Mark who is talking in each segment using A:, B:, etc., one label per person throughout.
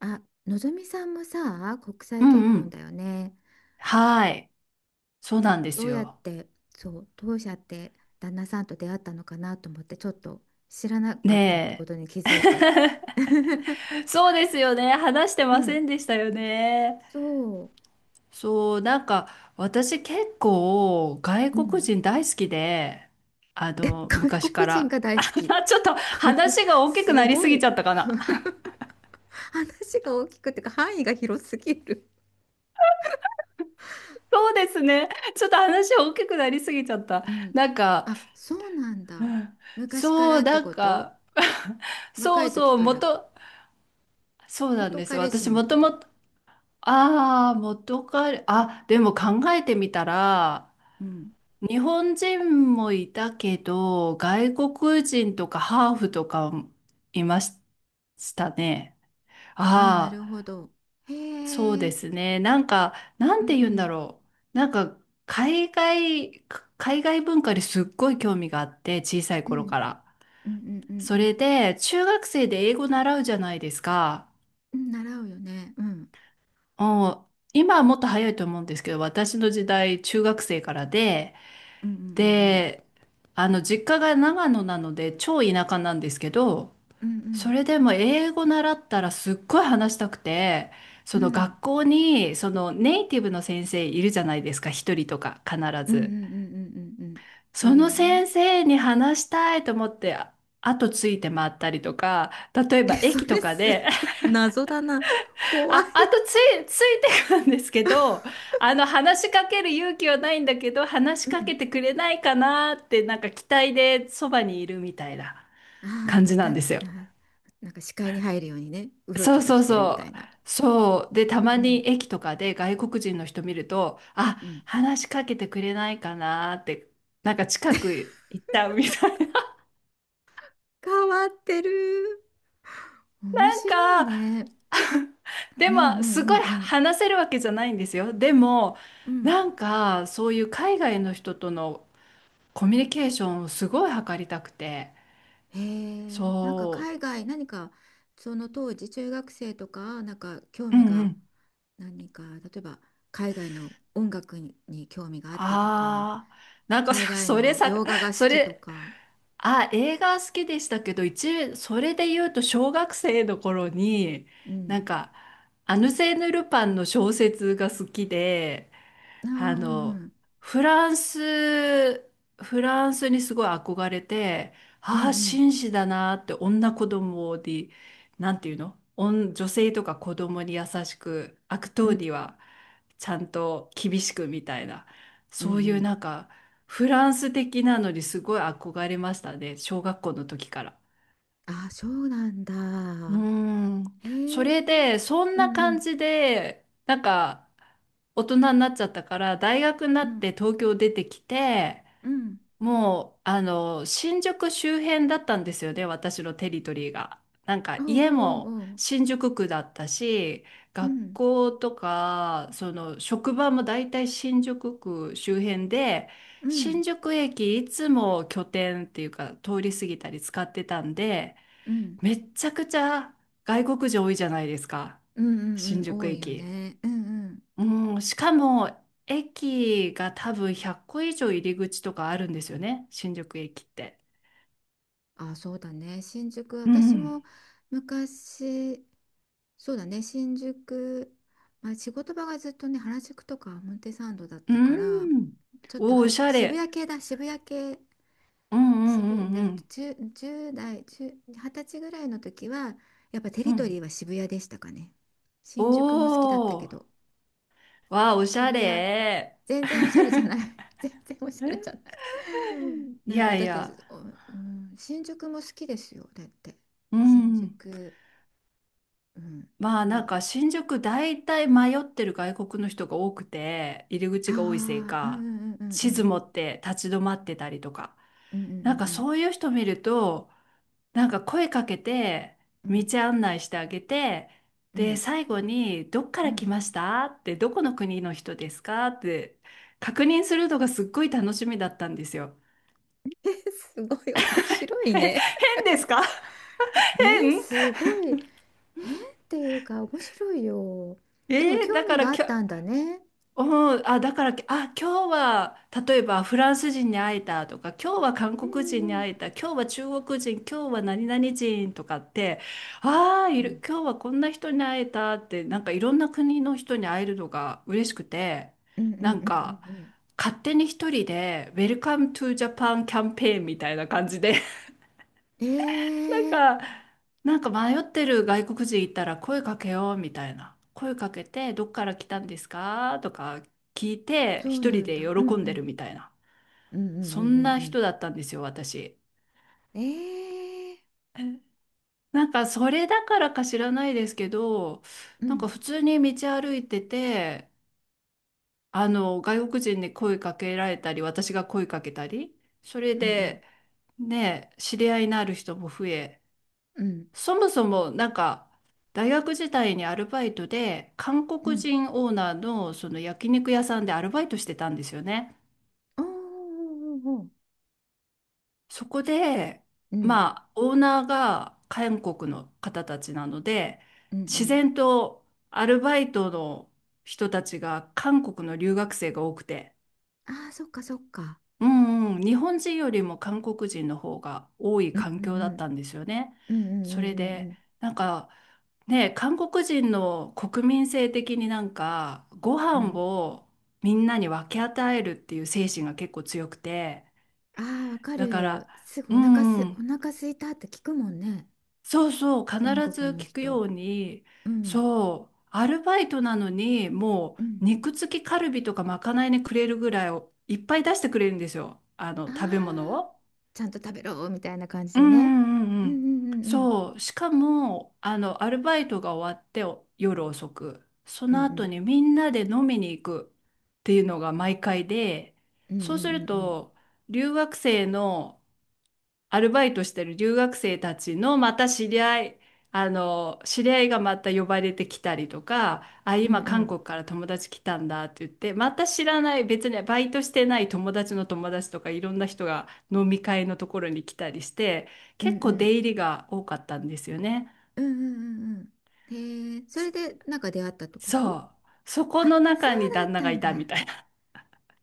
A: あ、のぞみさんもさ、国
B: う
A: 際結
B: んう
A: 婚
B: ん。
A: だよね。
B: はい。そうなんで
A: ど
B: す
A: うやっ
B: よ。
A: て、そう、当社って旦那さんと出会ったのかなと思って、ちょっと知らなかったってこ
B: ね
A: とに気づいて。
B: え。そうですよね。話して
A: う
B: ませ
A: ん、
B: んでしたよね。
A: そ
B: そう、なんか、私結構外
A: う、う
B: 国
A: ん。
B: 人大好きで、
A: え、外
B: 昔か
A: 国人
B: ら。
A: が 大
B: あ
A: 好き。
B: ちょっと 話が大きく
A: す
B: なりす
A: ご
B: ぎち
A: い。
B: ゃったかな。
A: 話が大きくてか範囲が広すぎる。
B: そうですね。ちょっと話大きくなりすぎちゃった。
A: うん。
B: なんか、
A: あ、そうなん
B: う
A: だ。
B: ん
A: 昔か
B: そ
A: ら
B: う、
A: って
B: なん
A: こと。
B: か、
A: 若
B: そう
A: い時
B: そう、
A: か
B: も
A: ら。
B: と、そうなん
A: 元
B: ですよ。
A: 彼氏
B: 私
A: もっ
B: もとも
A: て。
B: と、ああ、元彼、あ、でも考えてみたら、
A: うん。
B: 日本人もいたけど、外国人とかハーフとかもいましたね。
A: ああ、な
B: あ
A: るほ
B: あ、
A: ど。へ
B: そう
A: え、う
B: で
A: ん。
B: すね。な
A: う
B: んて言うんだ
A: ん。
B: ろう。海外文化にすっごい興味があって、小さい
A: う
B: 頃
A: ん。
B: から。
A: うんうんうんう
B: そ
A: ん。
B: れで、中学生で英語習うじゃないですか。
A: うん、習うよね。うん。
B: うん、今はもっと早いと思うんですけど、私の時代、中学生からで、
A: うんうん。
B: で、実家が長野なので、超田舎なんですけど、
A: うんうんう
B: そ
A: ん。
B: れでも英語習ったらすっごい話したくて、
A: う
B: その
A: ん
B: 学校に、そのネイティブの先生いるじゃないですか、一人とか必
A: うんう
B: ず。
A: んうんうん。うん。うんうん。い
B: そ
A: る
B: の
A: よね。
B: 先生に話したいと思って、後ついて回ったりとか、例え
A: え、
B: ば
A: そ
B: 駅
A: れ
B: とか
A: す
B: で
A: 謎だな。怖い。
B: あ、あとつい、ついてくるんですけど、話しかける勇気はないんだけど、話し
A: う
B: か
A: ん。
B: けてくれないかなって、なんか期待でそばにいるみたいな
A: ああ、
B: 感
A: ベ
B: じな
A: タ
B: ん
A: っ
B: です
A: て
B: よ。
A: な、なんか視界に入るようにね、うろち
B: そう
A: ょろ
B: そ
A: し
B: う
A: てるみた
B: そ
A: い
B: う。
A: な。
B: そう。で、たま
A: うん
B: に駅とかで外国人の人見ると、あ、
A: うん。
B: 話しかけてくれないかなって、なんか近く行っちゃうみたいな。
A: 変わってる。面
B: なん
A: 白い
B: か、
A: ね。う
B: で
A: んう
B: も、
A: んう
B: すご
A: ん
B: い
A: うん。
B: 話せるわけじゃないんですよ。でも、
A: うん。
B: そういう海外の人とのコミュニケーションをすごい図りたくて、
A: へえ、なんか
B: そ
A: 海外何か、その当時中学生とかなんか興
B: う、う
A: 味
B: んう
A: が、
B: ん。
A: 何か例えば海外の音楽に興味があったとか、
B: ああ、
A: 海外
B: それ
A: の
B: さ、
A: 洋画が好
B: そ
A: きと
B: れ、
A: か。
B: あ、映画好きでしたけど、それで言うと小学生の頃に、
A: う
B: な
A: ん。
B: んか、アヌセーヌ・ルパンの小説が好きで、
A: あー、う
B: あの、
A: ん。
B: フランス、フランスにすごい憧れて、
A: う
B: ああ、
A: ん。
B: 紳士だなって、女子供で、なんていうの、女性とか子供に優しく、悪
A: う
B: 党
A: ん。
B: にはちゃんと厳しくみたいな、
A: うんう
B: そ
A: んう
B: う
A: ん。
B: い
A: う
B: う
A: ん
B: なんか、フランス的なのにすごい憧れましたね、小学校の時から。
A: あー、そうなん
B: うー
A: だ。
B: ん。
A: へ
B: それ
A: え。
B: で、そん
A: う
B: な
A: んう
B: 感
A: ん。
B: じで、大人になっちゃったから、大学にな
A: う
B: っ
A: ん。
B: て東京出てきて、
A: うん。
B: もう、あの、新宿周辺だったんですよね、私のテリトリーが。なん
A: お
B: か、
A: う
B: 家
A: おう
B: も
A: おうおう。
B: 新宿区だったし、
A: う
B: 学
A: ん
B: 校とか、その、職場も大体新宿区周辺で、
A: う
B: 新
A: ん。
B: 宿駅いつも拠点っていうか、通り過ぎたり使ってたんで、
A: うん。
B: めっちゃくちゃ外国人多いじゃないですか、
A: うんう
B: 新
A: んうん、
B: 宿
A: 多いよ
B: 駅。
A: ね。うん。うん。
B: うん、しかも駅が多分100個以上入り口とかあるんですよね、新宿駅って。
A: あ、そうだね。新宿、
B: う
A: 私
B: ん。
A: も昔、そうだね。新宿、まあ、仕事場がずっとね、原宿とか表参道だっ
B: う
A: たから、
B: ん。
A: ちょっと
B: おー、お
A: は
B: しゃ
A: 渋
B: れ。
A: 谷系だ、渋谷系、
B: うんうん
A: で
B: う
A: も
B: ん
A: 10、じゅう代、10、20歳ぐらいの時は、やっぱテ
B: うん。
A: リ
B: う
A: トリ
B: ん。
A: ーは渋谷でしたかね。
B: お
A: 新宿も好きだったけど、
B: お。わあ、おしゃ
A: 渋谷。
B: れ。
A: 全然おしゃれじゃない。全然おしゃれじゃない。
B: い
A: なんか
B: やい
A: だって、
B: や。
A: おうん、新宿も好きですよ。だって。
B: う
A: 新
B: ん。
A: 宿。うん。
B: まあ
A: い
B: なん
A: い。
B: か新宿大体迷ってる外国の人が多くて入り
A: あ
B: 口が多いせい
A: あ、うんう
B: か、
A: んうんうんう
B: 地図
A: ん。
B: 持って立ち止まってたりとか、
A: うん
B: なんか
A: うん。
B: そういう人見るとなんか声かけて
A: うんう
B: 道
A: ん
B: 案内してあげて、
A: う
B: で
A: ん
B: 最後に「どっか
A: う
B: ら来
A: ん
B: ました？」って、「どこの国の人ですか？」って確認するのがすっごい楽しみだったんですよ。
A: え、すごい面白い
B: へ、変
A: ね。
B: ですか？変
A: すごい変っていうか面白いよ。
B: え
A: でも
B: ーだ
A: 興
B: か
A: 味
B: ら
A: があ
B: きょ
A: ったんだね。
B: うん、あ、だから、あ、今日は、例えばフランス人に会えたとか、今日は韓
A: う
B: 国人に
A: んうん
B: 会えた、今日は中国人、今日は何々人とかって、ああ、い
A: う
B: る、
A: ん。
B: 今日はこんな人に会えたって、なんかいろんな国の人に会えるのが嬉しくて、
A: うんうんうん
B: な
A: う
B: ん
A: んうん
B: か、
A: うんうん。
B: 勝手に一人で、ウェルカムトゥジャパンキャンペーンみたいな感じで、
A: え、すごい面白いね、
B: なん
A: えー。
B: か、なんか迷ってる外国人いたら声かけようみたいな。声かけて、どっから来たんですかとか聞いて、
A: そう
B: 一
A: な
B: 人
A: ん
B: で
A: だ、うんう
B: 喜んでる
A: ん。
B: みたいな。
A: うんうんう
B: そん
A: ん
B: な
A: うん。
B: 人だったんですよ、私。
A: うん、ええー。
B: なんか、それだからか知らないですけど、
A: う
B: なん
A: ん。
B: か普通に道歩いてて、外国人に声かけられたり、私が声かけたり、それ
A: うんうん。
B: で、ね、知り合いのある人も増え、
A: うん、
B: そもそもなんか大学時代にアルバイトで韓
A: う
B: 国
A: ん、
B: 人オーナーのその焼肉屋さんでアルバイトしてたんですよね。
A: おーおーおーおー。
B: そこで、
A: うん
B: まあオーナーが韓国の方たちなので
A: うんう
B: 自
A: ん。
B: 然とアルバイトの人たちが韓国の留学生が多くて。
A: ああ、そっかそっか。
B: うんうん、日本人よりも韓国人の方が多い
A: うんう
B: 環境だ
A: ん
B: ったんですよね。
A: うん。うんう
B: それ
A: んうんう
B: で、
A: ん。
B: なんかね、韓国人の国民性的になんかご
A: う
B: 飯
A: ん。
B: をみんなに分け与えるっていう精神が結構強くて、
A: ああ、わか
B: だから、
A: る、すぐ
B: う
A: おなか
B: んう
A: すお
B: ん、
A: なか空いたって聞くもんね、
B: そうそう、必
A: 韓
B: ず
A: 国の
B: 聞く
A: 人。
B: ように、
A: うん
B: そう、アルバイトなのにも
A: う
B: う
A: ん。
B: 肉付きカルビとかまかないにくれるぐらいをいっぱい出してくれるんですよ、あの
A: あ
B: 食べ物
A: あ、
B: を。
A: ちゃんと食べろみたいな感じ
B: うん
A: でね。
B: うんうん
A: う
B: う
A: んう
B: ん。
A: んうんうん
B: そう。しかも、アルバイトが終わってお夜遅く、そ
A: う
B: の後
A: ん
B: にみんなで飲みに行くっていうのが毎回で、
A: うん。う
B: そうす
A: ん。
B: る
A: うん
B: と、留学生のアルバイトしてる留学生たちのまた知り合い、知り合いがまた呼ばれてきたりとか、あ、
A: うん
B: 今
A: う
B: 韓
A: ん。
B: 国から友達来たんだって言って、また知らない、別にねバイトしてない友達の友達とかいろんな人が飲み会のところに来たりして、
A: うんう
B: 結構
A: ん。
B: 出入りが多かったんですよね。
A: うんうん。うんうん。へえ、それ
B: そ
A: でなんか出会ったってこ
B: そ
A: と。
B: う。そこ
A: あ、
B: の
A: そ
B: 中
A: う
B: に
A: だ
B: 旦
A: っ
B: 那
A: た
B: が
A: ん
B: い
A: だ。
B: たみたい。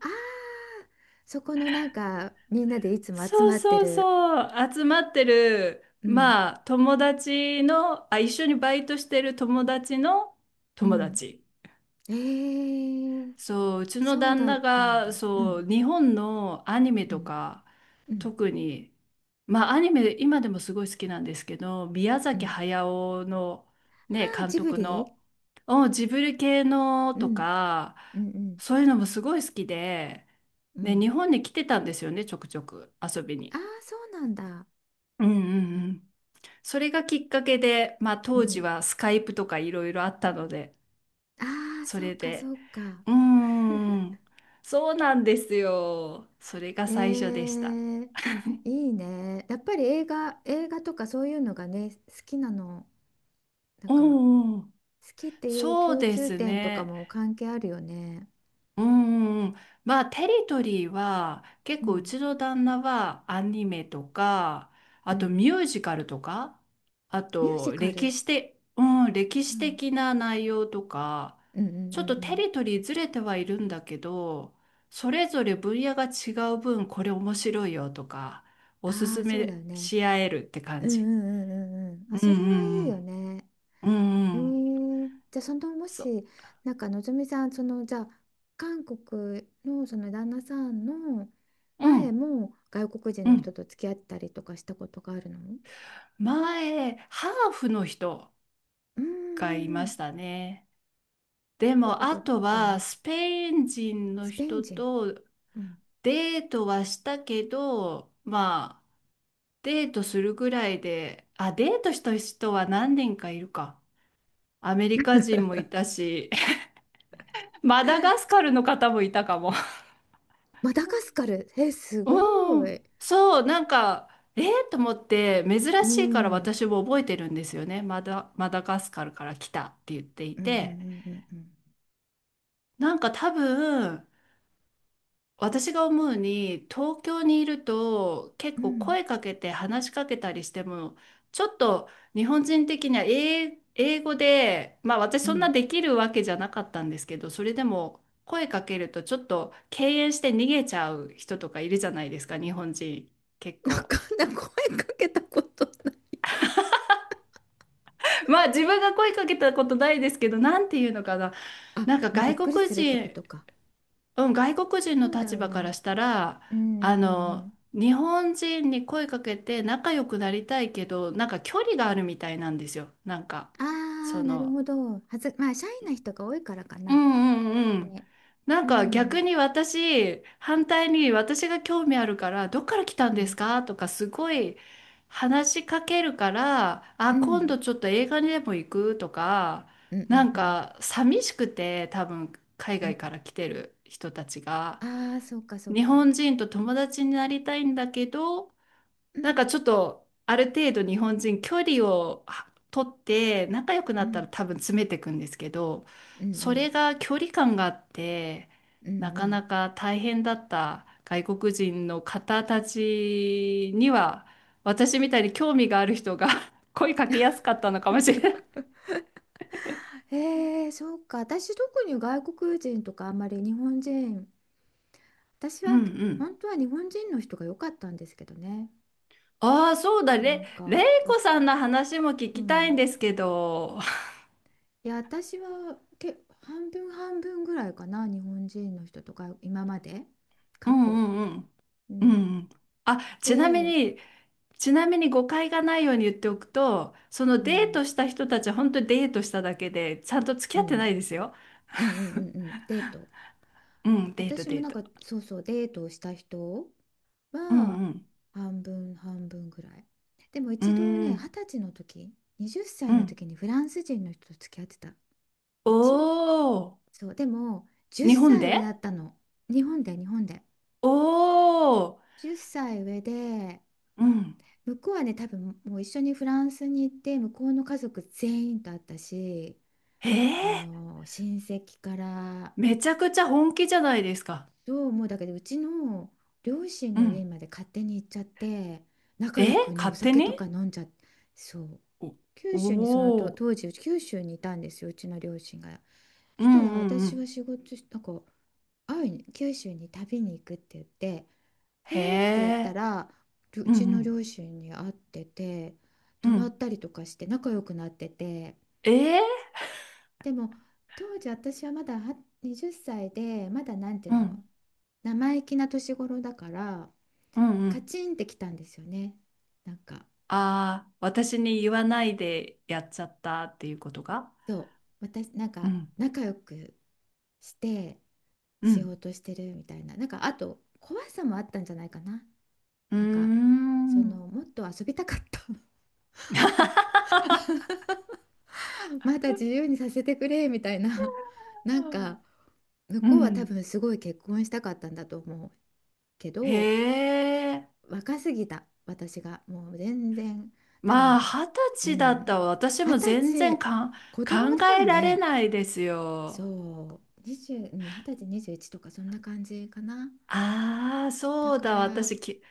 A: ああ、そこのなんかみんなでいつも集
B: そう
A: まって
B: そう
A: る。
B: そう、集まってる、
A: うん、
B: まあ、友達の、あ、一緒にバイトしてる友達の
A: う
B: 友
A: ん。
B: 達。
A: へえ、
B: そう、うちの
A: そう
B: 旦
A: だっ
B: 那
A: たんだ。
B: が、
A: う
B: そう、
A: ん、
B: 日本のアニメ
A: う
B: と
A: ん、
B: か、
A: うん、
B: 特に、まあ、アニメ、今でもすごい好きなんですけど、宮
A: う
B: 崎
A: ん。
B: 駿の、ね、
A: ああ、
B: 監
A: ジブ
B: 督
A: リ。
B: の、お、ジブリ系の
A: う
B: と
A: ん、
B: か、
A: うん、うん、
B: そういうのもすごい好きで、
A: う
B: で、
A: ん。
B: 日本に来てたんですよね、ちょくちょく遊び
A: ああ、
B: に。
A: そうなんだ。
B: うんうんうん。それがきっかけで、まあ
A: う
B: 当時
A: ん。
B: はスカイプとかいろいろあったので、
A: あ。あ、
B: そ
A: そっ
B: れ
A: か
B: で、
A: そっか。
B: うーん、そうなんですよ。それが
A: え
B: 最初でした。
A: ー、いいね。やっぱり映画、映画とかそういうのがね、好きなの、なん
B: う
A: か
B: んうん、
A: 好きっていう
B: そう
A: 共
B: で
A: 通
B: す
A: 点とか
B: ね。
A: も関係あるよね。
B: うんうんうん、まあテリトリーは結
A: う
B: 構う
A: ん、
B: ちの旦那はアニメとか、
A: う
B: あと
A: ん。
B: ミュージカルとか、あ
A: ミュー
B: と
A: ジカ
B: 歴
A: ル。
B: 史的、うん、歴
A: う
B: 史
A: ん、
B: 的な内容とか、
A: うん、うん、
B: ち
A: う
B: ょっ
A: ん。
B: と
A: う
B: テ
A: ん。
B: リトリーずれてはいるんだけど、それぞれ分野が違う分これ面白いよとかおす
A: あ
B: す
A: あ、そうだ
B: め
A: よね。
B: し合えるって
A: う
B: 感
A: ん、う
B: じ。
A: ん、うん、うん。うん。あ、
B: う
A: それはいい
B: ん
A: よね。
B: うんうんうんうん
A: じゃあそのも
B: そう
A: しなんかのぞみさんそのじゃあ韓国のその旦那さんの
B: う
A: 前
B: ん
A: も外国人
B: う
A: の人
B: ん、
A: と付き合ったりとかしたことがあるの。
B: 前ハーフの人
A: うんう
B: 回い
A: んう
B: ま
A: ん。
B: したね。で
A: ど
B: も、
A: こ
B: あ
A: とど
B: と
A: この。
B: は、スペイン人の
A: スペイン
B: 人
A: 人、
B: と
A: うん、
B: デートはしたけど、まあ、デートするぐらいで、あ、デートした人は何人かいるか。アメリカ人もいたし、マダガスカルの方もいたかも。
A: マダガスカル、えす ご
B: うん、
A: い。
B: えー、と思って、珍
A: う
B: しいから
A: ん。うん
B: 私も覚えてるんですよね。マダガスカルから来たって言ってい
A: うんう
B: て、
A: ん。うん
B: なんか多分、私が思うに、東京にいると結
A: う
B: 構
A: ん
B: 声かけて話しかけたりしても、ちょっと日本人的には英語で、まあ私
A: うん
B: そ
A: う
B: んな
A: ん。
B: できるわけじゃなかったんですけど、それでも声かけるとちょっと敬遠して逃げちゃう人とかいるじゃないですか、日本人結
A: な
B: 構。
A: かなか声かけたことない。
B: まあ自分が声かけたことないですけど、なんていうのかな。
A: あ、
B: なんか
A: まあ、び
B: 外
A: っくり
B: 国
A: するってこ
B: 人。
A: とか。
B: うん、外国人の
A: そうだ
B: 立
A: よ
B: 場か
A: ね。
B: らしたら、
A: うんうんうん。
B: 日本人に声かけて仲良くなりたいけど、なんか距離があるみたいなんですよ。なんか、
A: あ
B: そ
A: あ、なる
B: の、
A: ほど。はず、まあ、シャイな人が多いからか
B: う
A: な。
B: んうんうん。
A: ね。
B: なん
A: う
B: か逆
A: ん、
B: に私、反対に私が興味あるから、どっから来たん
A: う
B: です
A: ん、
B: かとかすごい話しかけるから、あ、
A: う
B: 今
A: ん、
B: 度ちょっと映画にでも行くとか、
A: うん、う
B: な
A: ん、
B: ん
A: うん。
B: か寂しくて、多分海
A: う
B: 外
A: ん。
B: から来てる人たちが。
A: ああ、そうか、そう
B: 日
A: か。
B: 本人と友達になりたいんだけど、
A: う
B: なん
A: ん、
B: かちょっとある程度日本人距離をは取って仲良く
A: う
B: なったら
A: ん、
B: 多分詰めていくんですけど、
A: うん、う
B: そ
A: ん、
B: れが距離感があって、
A: う
B: な
A: ん、う
B: か
A: ん。
B: なか大変だった外国人の方たちには、私みたいに興味がある人が 声かけやすかったのかもしれない。
A: へえ、そうか。私、特に外国人とかあんまり日本人、私
B: うん
A: は
B: うん。
A: 本当は日本人の人が良かったんですけどね。
B: ああ、そうだ、
A: な
B: ね
A: ん
B: れい
A: か、
B: こ
A: 逆。
B: さんの話も聞
A: う
B: きたいん
A: ん。
B: ですけど。
A: いや、私は半分半分ぐらいかな、日本人の人とか、今まで、
B: う
A: 過去。
B: んうん
A: う
B: うん。う
A: ん。
B: ん。あ、ちなみ
A: で、
B: に、ちなみに誤解がないように言っておくと、その
A: う
B: デー
A: ん、
B: トした人たちは本当にデートしただけで、ちゃんと付き
A: う
B: 合ってな
A: ん、
B: いですよ。
A: うんうんう んうん、デート。
B: うん、デート、
A: 私も
B: デー
A: なん
B: ト。
A: かそうそう、デートをした人
B: う
A: は
B: ん
A: 半分半分ぐらい。でも
B: うん。
A: 一度
B: うー
A: ね二
B: ん。
A: 十歳の時、20歳
B: う
A: の
B: ん。
A: 時にフランス人の人と付き合ってた。
B: お
A: 一
B: ー。
A: そう、でも10
B: 日本
A: 歳
B: で。
A: 上だったの。日本で、日本で、
B: おー。
A: 10歳上で、
B: うん。
A: 向こうはね多分もう一緒にフランスに行って向こうの家族全員と会ったし、あ
B: ええ、
A: の親戚から、
B: めちゃくちゃ本気じゃないですか。
A: そう思うだけどうちの両親
B: う
A: の家
B: ん。
A: まで勝手に行っちゃって、仲良
B: え、
A: くねお
B: 勝手
A: 酒とか
B: に。
A: 飲んじゃって、そう、
B: お、
A: 九州にそのと
B: おー。
A: 当時九州にいたんですよ、うちの両親が。
B: う
A: そし
B: ん
A: た
B: う
A: ら
B: んう
A: 私は
B: ん。
A: 仕事しなんか会いに九州に旅に行くって言って「へ
B: へ
A: え」って言った
B: え。
A: ら、りょう
B: うん
A: ち
B: う
A: の
B: ん。
A: 両親に会ってて、
B: う
A: 泊ま
B: ん。
A: ったりとかして仲良くなってて。
B: ええ、
A: でも当時私はまだは20歳で、まだなんていう
B: うん
A: の、生意気な年頃だから、
B: うんう
A: カ
B: ん。
A: チンってきたんですよね。なんか、
B: ああ、私に言わないでやっちゃったっていうことが。
A: そう、私、なん
B: う
A: か
B: ん。
A: 仲良くして
B: う
A: しよ
B: ん。
A: うとしてるみたいな、なんかあと怖さもあったんじゃないかな。
B: うー
A: なんか、
B: ん。
A: もっと遊びたかった。 まだ自由にさせてくれみたいな、なんか、向
B: う
A: こうは多
B: ん。
A: 分すごい結婚したかったんだと思うけ
B: へ
A: ど、
B: え。
A: 若すぎた私がもう全然。多
B: まあ、
A: 分。
B: 二十
A: う
B: 歳だっ
A: ん。
B: たわ、私
A: 二
B: も
A: 十
B: 全然
A: 歳、子供
B: 考
A: だよ
B: えられ
A: ね。
B: ないですよ。
A: そう、20、うん、20歳、2とかそんな感じかな。
B: ああ、
A: だ
B: そう
A: か
B: だ、
A: ら、
B: 私き、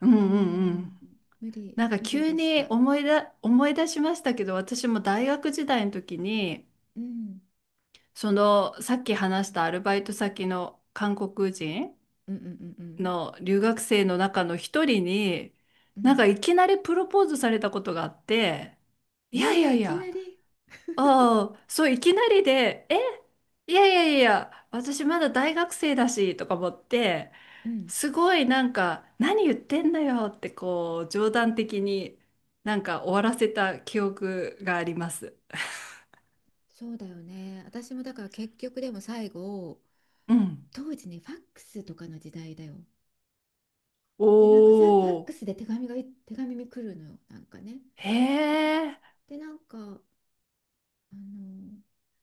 B: うんう
A: う
B: んうん。
A: ん、無理、
B: なんか
A: 無理
B: 急
A: でし
B: に
A: た。
B: 思い出しましたけど、私も大学時代の時に、
A: うん、
B: そのさっき話したアルバイト先の韓国人
A: うんうんうんうん。
B: の留学生の中の一人に、
A: う
B: なん
A: ん。
B: かいきなりプロポーズされたことがあって。いやい
A: ねえ、
B: やい
A: いきな
B: や。
A: り。
B: ああ、そう、いきなりでえ。いやいやいや、私まだ大学生だしとか思って、
A: うん、
B: すごいなんか何言ってんだよって、こう冗談的になんか終わらせた記憶があります。
A: そうだよね。私もだから結局でも最後、
B: うん。
A: 当時ね、ファックスとかの時代だよ。で、なんかさ、ファッ
B: お
A: ク
B: ー。
A: スで手紙に来るのよ、なんかね。
B: へ
A: で、
B: え。
A: で、なんか、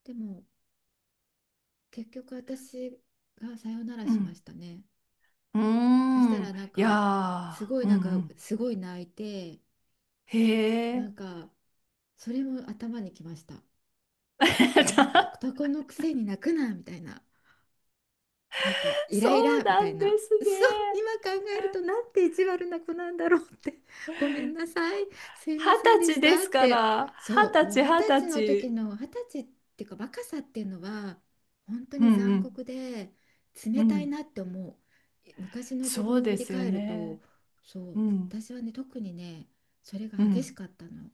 A: でも結局私がさよなら
B: う
A: し
B: ん
A: ましたね。
B: うー
A: そした
B: ん。
A: らなん
B: いや
A: かすご
B: ー、
A: い、
B: うんう
A: なんか
B: ん。
A: すごい泣いて、
B: へ
A: なん
B: え。
A: か、それも頭にきました、なんか 男のくせに泣くなみたいな、なんかイ
B: そ
A: ライ
B: う
A: ラみ
B: な
A: たい
B: んで
A: な。
B: す
A: そう、
B: ね。
A: 今考えるとなんて意地悪な子なんだろうって。ごめんなさい。すい
B: 二
A: ませんで
B: 十歳
A: し
B: で
A: たっ
B: すか
A: て。
B: ら、
A: そう、
B: 二十
A: もう
B: 歳、
A: 二
B: 二
A: 十
B: 十
A: 歳の時
B: 歳。
A: の二十歳っていうか、若さっていうのは本当
B: う
A: に残
B: ん
A: 酷で
B: う
A: 冷
B: ん、う
A: たい
B: ん。
A: なって思う。昔の自
B: そう
A: 分を振
B: で
A: り
B: すよ
A: 返ると、
B: ね。
A: そ
B: う
A: う、
B: ん、
A: 私はね、特にね、それが
B: う
A: 激し
B: ん。
A: かったの。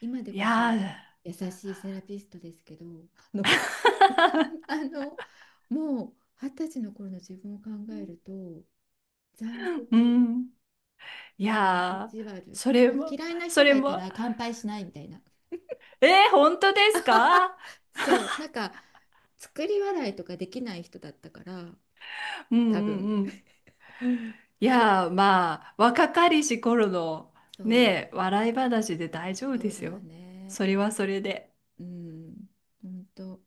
A: 今で
B: い
A: こそ
B: やー、
A: 優しいセラピストですけど、あの、あの、もう二十歳の頃の自分を考えると、残
B: う
A: 酷、
B: ん。い
A: うん、意
B: やー、
A: 地悪、
B: それ
A: なんか
B: も、
A: 嫌いな人
B: それ
A: がいた
B: も、
A: ら乾杯しないみたいな、
B: えー、本当ですか？
A: そう、なんか作り笑いとかできない人だったから、
B: うん
A: 多分。
B: うん、いやー、まあ、若かりし頃の
A: そう、
B: ね、笑い話で大丈夫
A: そ
B: で
A: うだ
B: す
A: よ
B: よ。
A: ね。
B: それはそれで。
A: うん、本当。